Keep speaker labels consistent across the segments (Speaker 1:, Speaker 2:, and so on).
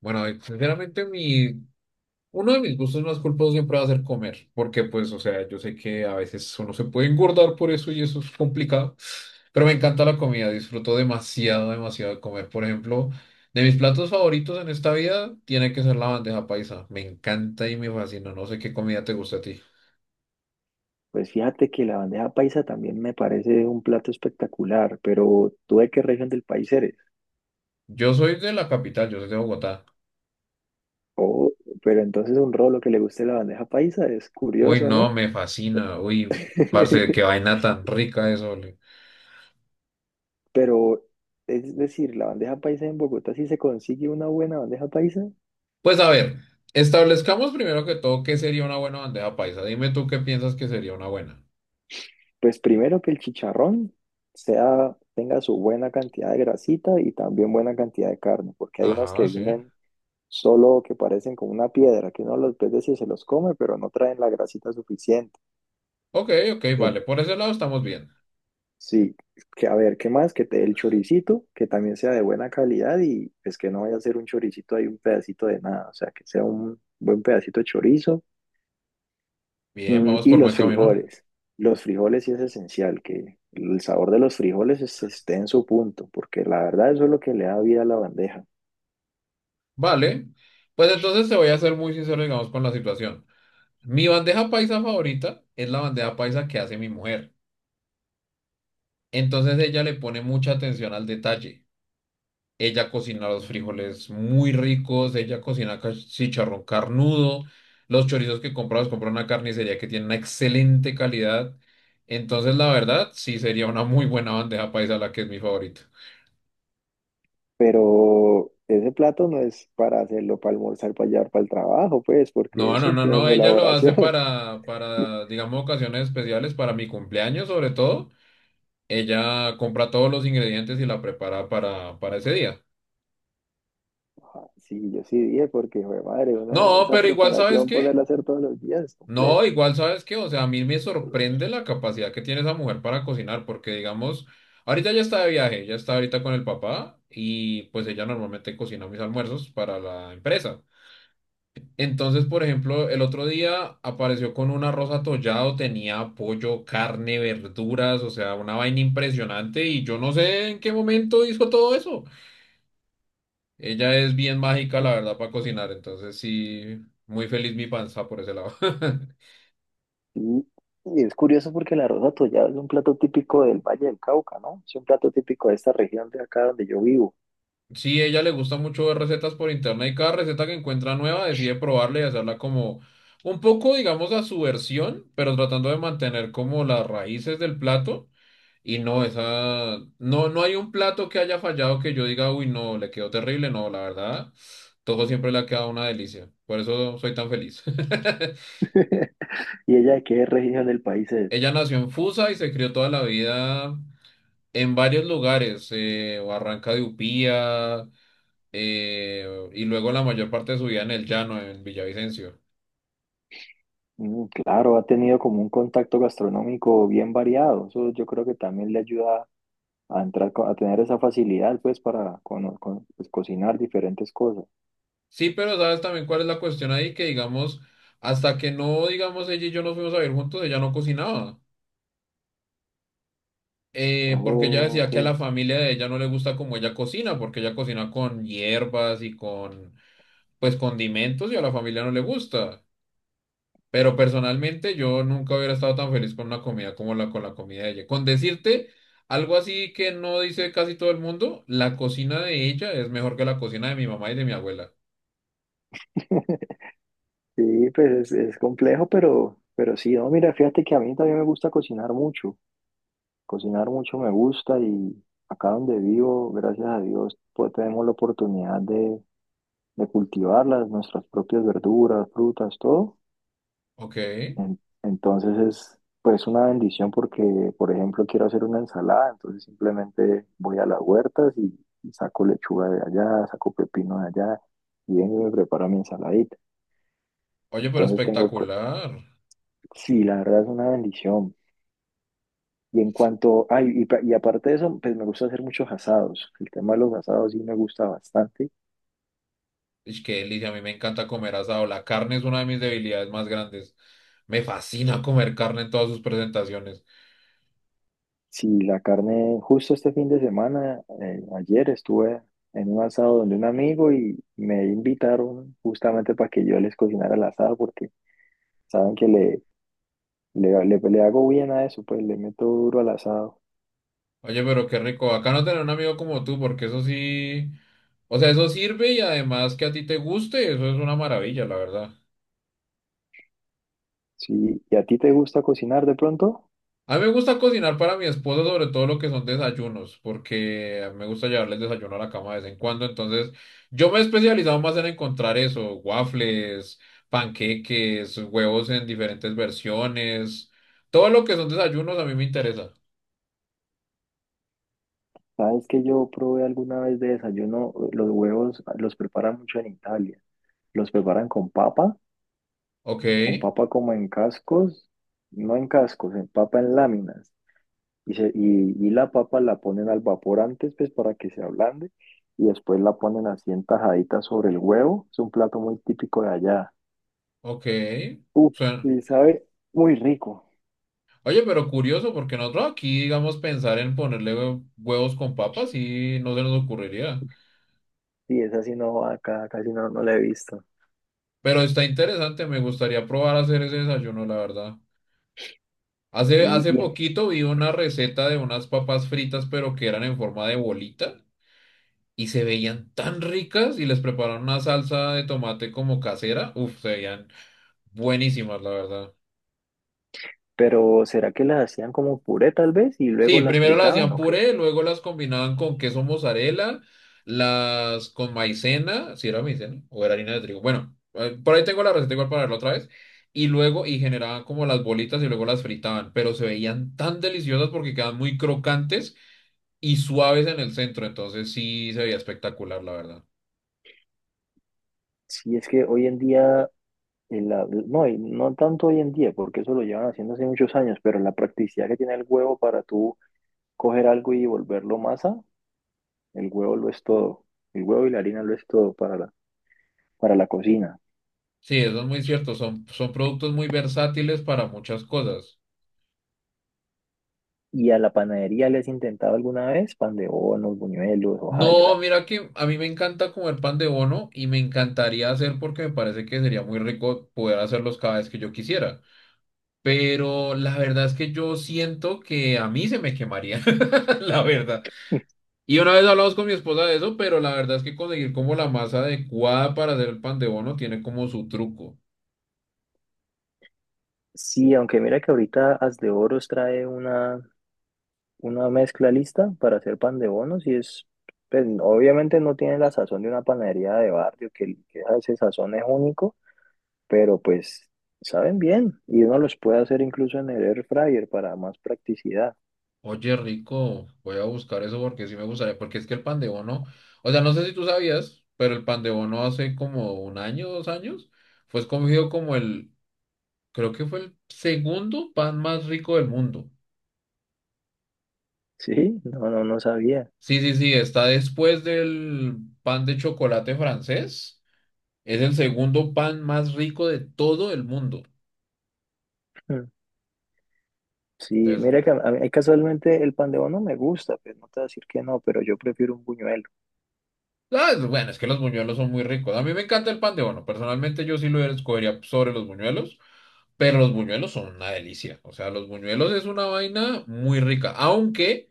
Speaker 1: Bueno, Sinceramente uno de mis gustos más culposos siempre va a ser comer, porque yo sé que a veces uno se puede engordar por eso y eso es complicado, pero me encanta la comida, disfruto demasiado, demasiado de comer. Por ejemplo, de mis platos favoritos en esta vida tiene que ser la bandeja paisa, me encanta y me fascina, no sé qué comida te gusta a ti.
Speaker 2: Pues fíjate que la bandeja paisa también me parece un plato espectacular, pero ¿tú de qué región del país eres?
Speaker 1: Yo soy de la capital, yo soy de Bogotá.
Speaker 2: Oh, pero entonces un rolo que le guste la bandeja paisa es
Speaker 1: Uy,
Speaker 2: curioso,
Speaker 1: no,
Speaker 2: ¿no?
Speaker 1: me fascina, uy, parce, qué vaina tan rica eso.
Speaker 2: Pero es decir, la bandeja paisa en Bogotá, si se consigue una buena bandeja paisa,
Speaker 1: Pues a ver, establezcamos primero que todo qué sería una buena bandeja paisa. Dime tú qué piensas que sería una buena.
Speaker 2: pues primero que el chicharrón sea, tenga su buena cantidad de grasita y también buena cantidad de carne, porque hay unos
Speaker 1: Ajá,
Speaker 2: que
Speaker 1: sí.
Speaker 2: vienen solo que parecen como una piedra, que uno los ve y se los come, pero no traen la grasita suficiente.
Speaker 1: Ok, ok,
Speaker 2: En
Speaker 1: vale. Por ese lado estamos bien.
Speaker 2: sí, que a ver, ¿qué más? Que te dé el choricito, que también sea de buena calidad y pues que no vaya a ser un choricito ahí un pedacito de nada, o sea, que sea un buen pedacito de chorizo.
Speaker 1: Bien,
Speaker 2: Mm,
Speaker 1: vamos
Speaker 2: y
Speaker 1: por buen camino.
Speaker 2: los frijoles sí es esencial, que el sabor de los frijoles esté en su punto, porque la verdad eso es lo que le da vida a la bandeja.
Speaker 1: Vale. Pues entonces te voy a ser muy sincero, digamos, con la situación. Mi bandeja paisa favorita es la bandeja paisa que hace mi mujer. Entonces ella le pone mucha atención al detalle. Ella cocina los frijoles muy ricos, ella cocina chicharrón carnudo, los chorizos que compra los compra en una carnicería que tiene una excelente calidad. Entonces, la verdad, sí sería una muy buena bandeja paisa la que es mi favorito.
Speaker 2: Pero ese plato no es para hacerlo, para almorzar, para llevar para el trabajo, pues, porque
Speaker 1: No, no,
Speaker 2: eso
Speaker 1: no,
Speaker 2: tiene
Speaker 1: no,
Speaker 2: su
Speaker 1: ella lo hace
Speaker 2: elaboración.
Speaker 1: para, para, digamos, ocasiones especiales, para mi cumpleaños sobre todo. Ella compra todos los ingredientes y la prepara para ese día.
Speaker 2: Ah, sí, yo sí dije porque, hijo de madre, uno,
Speaker 1: No,
Speaker 2: esa
Speaker 1: pero igual, ¿sabes
Speaker 2: preparación,
Speaker 1: qué?
Speaker 2: poderla hacer todos los días es
Speaker 1: No,
Speaker 2: complejo.
Speaker 1: igual sabes qué, o sea, a mí me sorprende la capacidad que tiene esa mujer para cocinar, porque digamos, ahorita ya está de viaje, ya está ahorita con el papá y pues ella normalmente cocina mis almuerzos para la empresa. Entonces, por ejemplo, el otro día apareció con un arroz atollado, tenía pollo, carne, verduras, o sea, una vaina impresionante y yo no sé en qué momento hizo todo eso. Ella es bien mágica, la verdad, para cocinar, entonces sí, muy feliz mi panza por ese lado.
Speaker 2: Y, y es curioso porque la rosa tollada es un plato típico del Valle del Cauca, ¿no? Es un plato típico de esta región de acá donde yo vivo.
Speaker 1: Sí, ella le gusta mucho ver recetas por internet y cada receta que encuentra nueva decide probarla y hacerla como un poco, digamos, a su versión, pero tratando de mantener como las raíces del plato. Y no, esa, no hay un plato que haya fallado que yo diga, uy, no, le quedó terrible. No, la verdad, todo siempre le ha quedado una delicia. Por eso soy tan feliz.
Speaker 2: ¿Y ella de qué región del país es?
Speaker 1: Ella nació en Fusa y se crió toda la vida en varios lugares, Barranca de Upía. eh, y luego la mayor parte de su vida en el llano, en Villavicencio.
Speaker 2: Mm, claro, ha tenido como un contacto gastronómico bien variado. Eso yo creo que también le ayuda a entrar, a tener esa facilidad, pues, para pues, cocinar diferentes cosas.
Speaker 1: Sí, pero sabes también cuál es la cuestión ahí, que digamos, hasta que no, digamos, ella y yo nos fuimos a vivir juntos, ella no cocinaba. Porque ella
Speaker 2: Oh,
Speaker 1: decía que a
Speaker 2: ok.
Speaker 1: la familia de ella no le gusta como ella cocina, porque ella cocina con hierbas y con pues, condimentos y a la familia no le gusta. Pero personalmente yo nunca hubiera estado tan feliz con una comida como la con la comida de ella. Con decirte algo así que no dice casi todo el mundo, la cocina de ella es mejor que la cocina de mi mamá y de mi abuela.
Speaker 2: Sí, pues es complejo, pero sí, no, mira, fíjate que a mí también me gusta cocinar mucho me gusta y acá donde vivo, gracias a Dios, pues tenemos la oportunidad de cultivarlas, nuestras propias verduras, frutas, todo.
Speaker 1: Ok.
Speaker 2: Entonces es pues una bendición porque, por ejemplo, quiero hacer una ensalada, entonces simplemente voy a las huertas y saco lechuga de allá, saco pepino de allá y vengo y me preparo mi ensaladita.
Speaker 1: Oye, pero
Speaker 2: Entonces tengo,
Speaker 1: espectacular.
Speaker 2: sí, la verdad es una bendición. Y en cuanto, ay, y, y aparte de eso, pues me gusta hacer muchos asados. El tema de los asados sí me gusta bastante.
Speaker 1: Es que delicia, a mí me encanta comer asado. La carne es una de mis debilidades más grandes. Me fascina comer carne en todas sus presentaciones.
Speaker 2: Si la carne, justo este fin de semana, ayer estuve en un asado donde un amigo y me invitaron justamente para que yo les cocinara el asado porque saben que le hago bien a eso, pues le meto duro al asado.
Speaker 1: Oye, pero qué rico. Acá no tener un amigo como tú, porque eso sí. O sea, eso sirve y además que a ti te guste, eso es una maravilla, la verdad.
Speaker 2: Sí, ¿y a ti te gusta cocinar de pronto?
Speaker 1: A mí me gusta cocinar para mi esposa, sobre todo lo que son desayunos, porque me gusta llevarle el desayuno a la cama de vez en cuando. Entonces, yo me he especializado más en encontrar eso, waffles, panqueques, huevos en diferentes versiones. Todo lo que son desayunos a mí me interesa.
Speaker 2: Sabes que yo probé alguna vez de desayuno, los huevos los preparan mucho en Italia. Los preparan
Speaker 1: Ok,
Speaker 2: con papa como en cascos, no en cascos, en papa en láminas. Y la papa la ponen al vapor antes, pues para que se ablande, y después la ponen así en tajaditas sobre el huevo. Es un plato muy típico de allá.
Speaker 1: ok.
Speaker 2: Uf,
Speaker 1: Suena.
Speaker 2: y sabe muy rico.
Speaker 1: Oye, pero curioso, porque nosotros aquí, digamos, pensar en ponerle huevos con papas y no se nos ocurriría.
Speaker 2: Sí, esa sí no, va acá casi no, no la he visto.
Speaker 1: Pero está interesante, me gustaría probar a hacer ese desayuno, la verdad.
Speaker 2: Sí,
Speaker 1: Hace
Speaker 2: y en-
Speaker 1: poquito vi una receta de unas papas fritas, pero que eran en forma de bolita y se veían tan ricas y les prepararon una salsa de tomate como casera. Uf, se veían buenísimas, la verdad.
Speaker 2: pero ¿será que las hacían como puré tal vez y luego
Speaker 1: Sí,
Speaker 2: las
Speaker 1: primero las
Speaker 2: fritaban
Speaker 1: hacían
Speaker 2: o qué?
Speaker 1: puré, luego las combinaban con queso mozzarella, las con maicena, si era maicena o era harina de trigo. Bueno, por ahí tengo la receta igual para verla otra vez. Y luego, y generaban como las bolitas y luego las fritaban, pero se veían tan deliciosas porque quedan muy crocantes y suaves en el centro, entonces sí se veía espectacular, la verdad.
Speaker 2: Sí, es que hoy en día y la, no, y no tanto hoy en día, porque eso lo llevan haciendo hace muchos años, pero la practicidad que tiene el huevo para tú coger algo y volverlo masa, el huevo lo es todo. El huevo y la harina lo es todo para la cocina.
Speaker 1: Sí, eso es muy cierto, son productos muy versátiles para muchas cosas.
Speaker 2: ¿Y a la panadería le has intentado alguna vez pan de bonos, buñuelos,
Speaker 1: No,
Speaker 2: hojaldras?
Speaker 1: mira que a mí me encanta comer pan de bono y me encantaría hacer porque me parece que sería muy rico poder hacerlos cada vez que yo quisiera. Pero la verdad es que yo siento que a mí se me quemaría, la verdad. Y una vez hablamos con mi esposa de eso, pero la verdad es que conseguir como la masa adecuada para hacer el pan de bono tiene como su truco.
Speaker 2: Sí, aunque mira que ahorita As de Oros trae una mezcla lista para hacer pan de bonos y es, pues, obviamente no tiene la sazón de una panadería de barrio, que ese sazón es único, pero pues saben bien y uno los puede hacer incluso en el air fryer para más practicidad.
Speaker 1: Oye, rico, voy a buscar eso porque sí me gustaría, porque es que el pan de bono, o sea, no sé si tú sabías, pero el pan de bono hace como un año, dos años, fue escogido como el, creo que fue el segundo pan más rico del mundo.
Speaker 2: Sí, no, no, no sabía.
Speaker 1: Sí, sí, sí, está después del pan de chocolate francés, es el segundo pan más rico de todo el mundo.
Speaker 2: Mm. Sí,
Speaker 1: Entonces,
Speaker 2: mira que a mí casualmente el pan de bono me gusta, pues no te voy a decir que no, pero yo prefiero un buñuelo.
Speaker 1: ah, bueno, es que los buñuelos son muy ricos. A mí me encanta el pan de bono, personalmente yo sí lo escogería sobre los buñuelos. Pero los buñuelos son una delicia. O sea, los buñuelos es una vaina muy rica. Aunque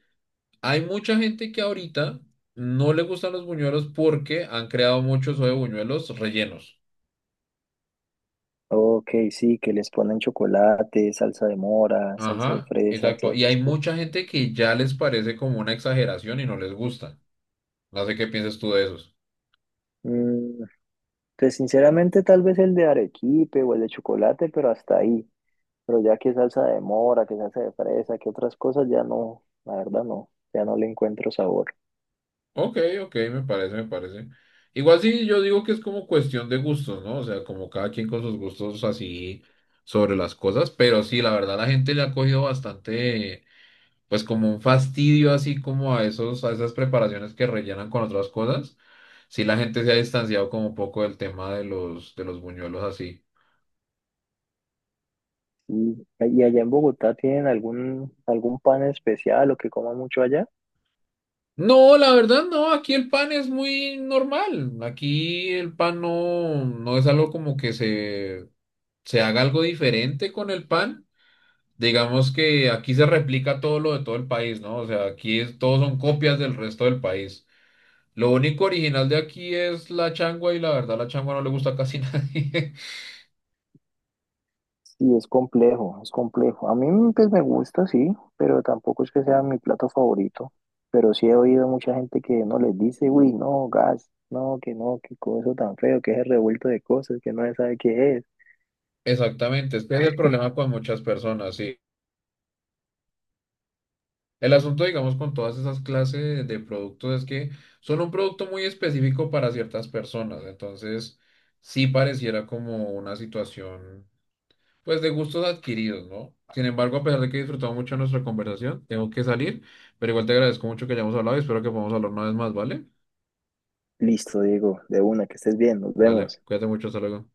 Speaker 1: hay mucha gente que ahorita no le gustan los buñuelos porque han creado muchos de buñuelos rellenos.
Speaker 2: Ok, sí, que les ponen chocolate, salsa de mora, salsa de
Speaker 1: Ajá,
Speaker 2: fresa,
Speaker 1: exacto.
Speaker 2: todas
Speaker 1: Y
Speaker 2: esas
Speaker 1: hay
Speaker 2: cosas.
Speaker 1: mucha gente que ya les parece como una exageración y no les gusta. No sé qué piensas tú de esos.
Speaker 2: Mm, pues sinceramente tal vez el de arequipe o el de chocolate, pero hasta ahí. Pero ya que salsa de mora, que salsa de fresa, que otras cosas, ya no, la verdad no, ya no le encuentro sabor.
Speaker 1: Ok, ok, me parece, me parece. Igual sí, yo digo que es como cuestión de gustos, ¿no? O sea, como cada quien con sus gustos así sobre las cosas. Pero sí, la verdad, la gente le ha cogido bastante pues como un fastidio así como a esos, a esas preparaciones que rellenan con otras cosas, si la gente se ha distanciado como un poco del tema de los buñuelos así.
Speaker 2: Sí. ¿Y allá en Bogotá tienen algún, algún pan especial o que coma mucho allá?
Speaker 1: No, la verdad no, aquí el pan es muy normal, aquí el pan no, no es algo como que se haga algo diferente con el pan. Digamos que aquí se replica todo lo de todo el país, ¿no? O sea, aquí es, todos son copias del resto del país. Lo único original de aquí es la changua y la verdad la changua no le gusta a casi nadie.
Speaker 2: Sí, es complejo, es complejo. A mí pues me gusta, sí, pero tampoco es que sea mi plato favorito. Pero sí he oído mucha gente que no les dice, uy, no, gas, no, que no, qué cosa tan feo, que es el revuelto de cosas, que no se sabe qué es.
Speaker 1: Exactamente, es que es el problema con muchas personas, ¿sí? El asunto, digamos, con todas esas clases de productos es que son un producto muy específico para ciertas personas, entonces sí pareciera como una situación, pues, de gustos adquiridos, ¿no? Sin embargo, a pesar de que he disfrutado mucho nuestra conversación, tengo que salir, pero igual te agradezco mucho que hayamos hablado y espero que podamos hablar una vez más, ¿vale?
Speaker 2: Listo, Diego, de una, que estés bien, nos
Speaker 1: Vale,
Speaker 2: vemos.
Speaker 1: cuídate mucho, hasta luego.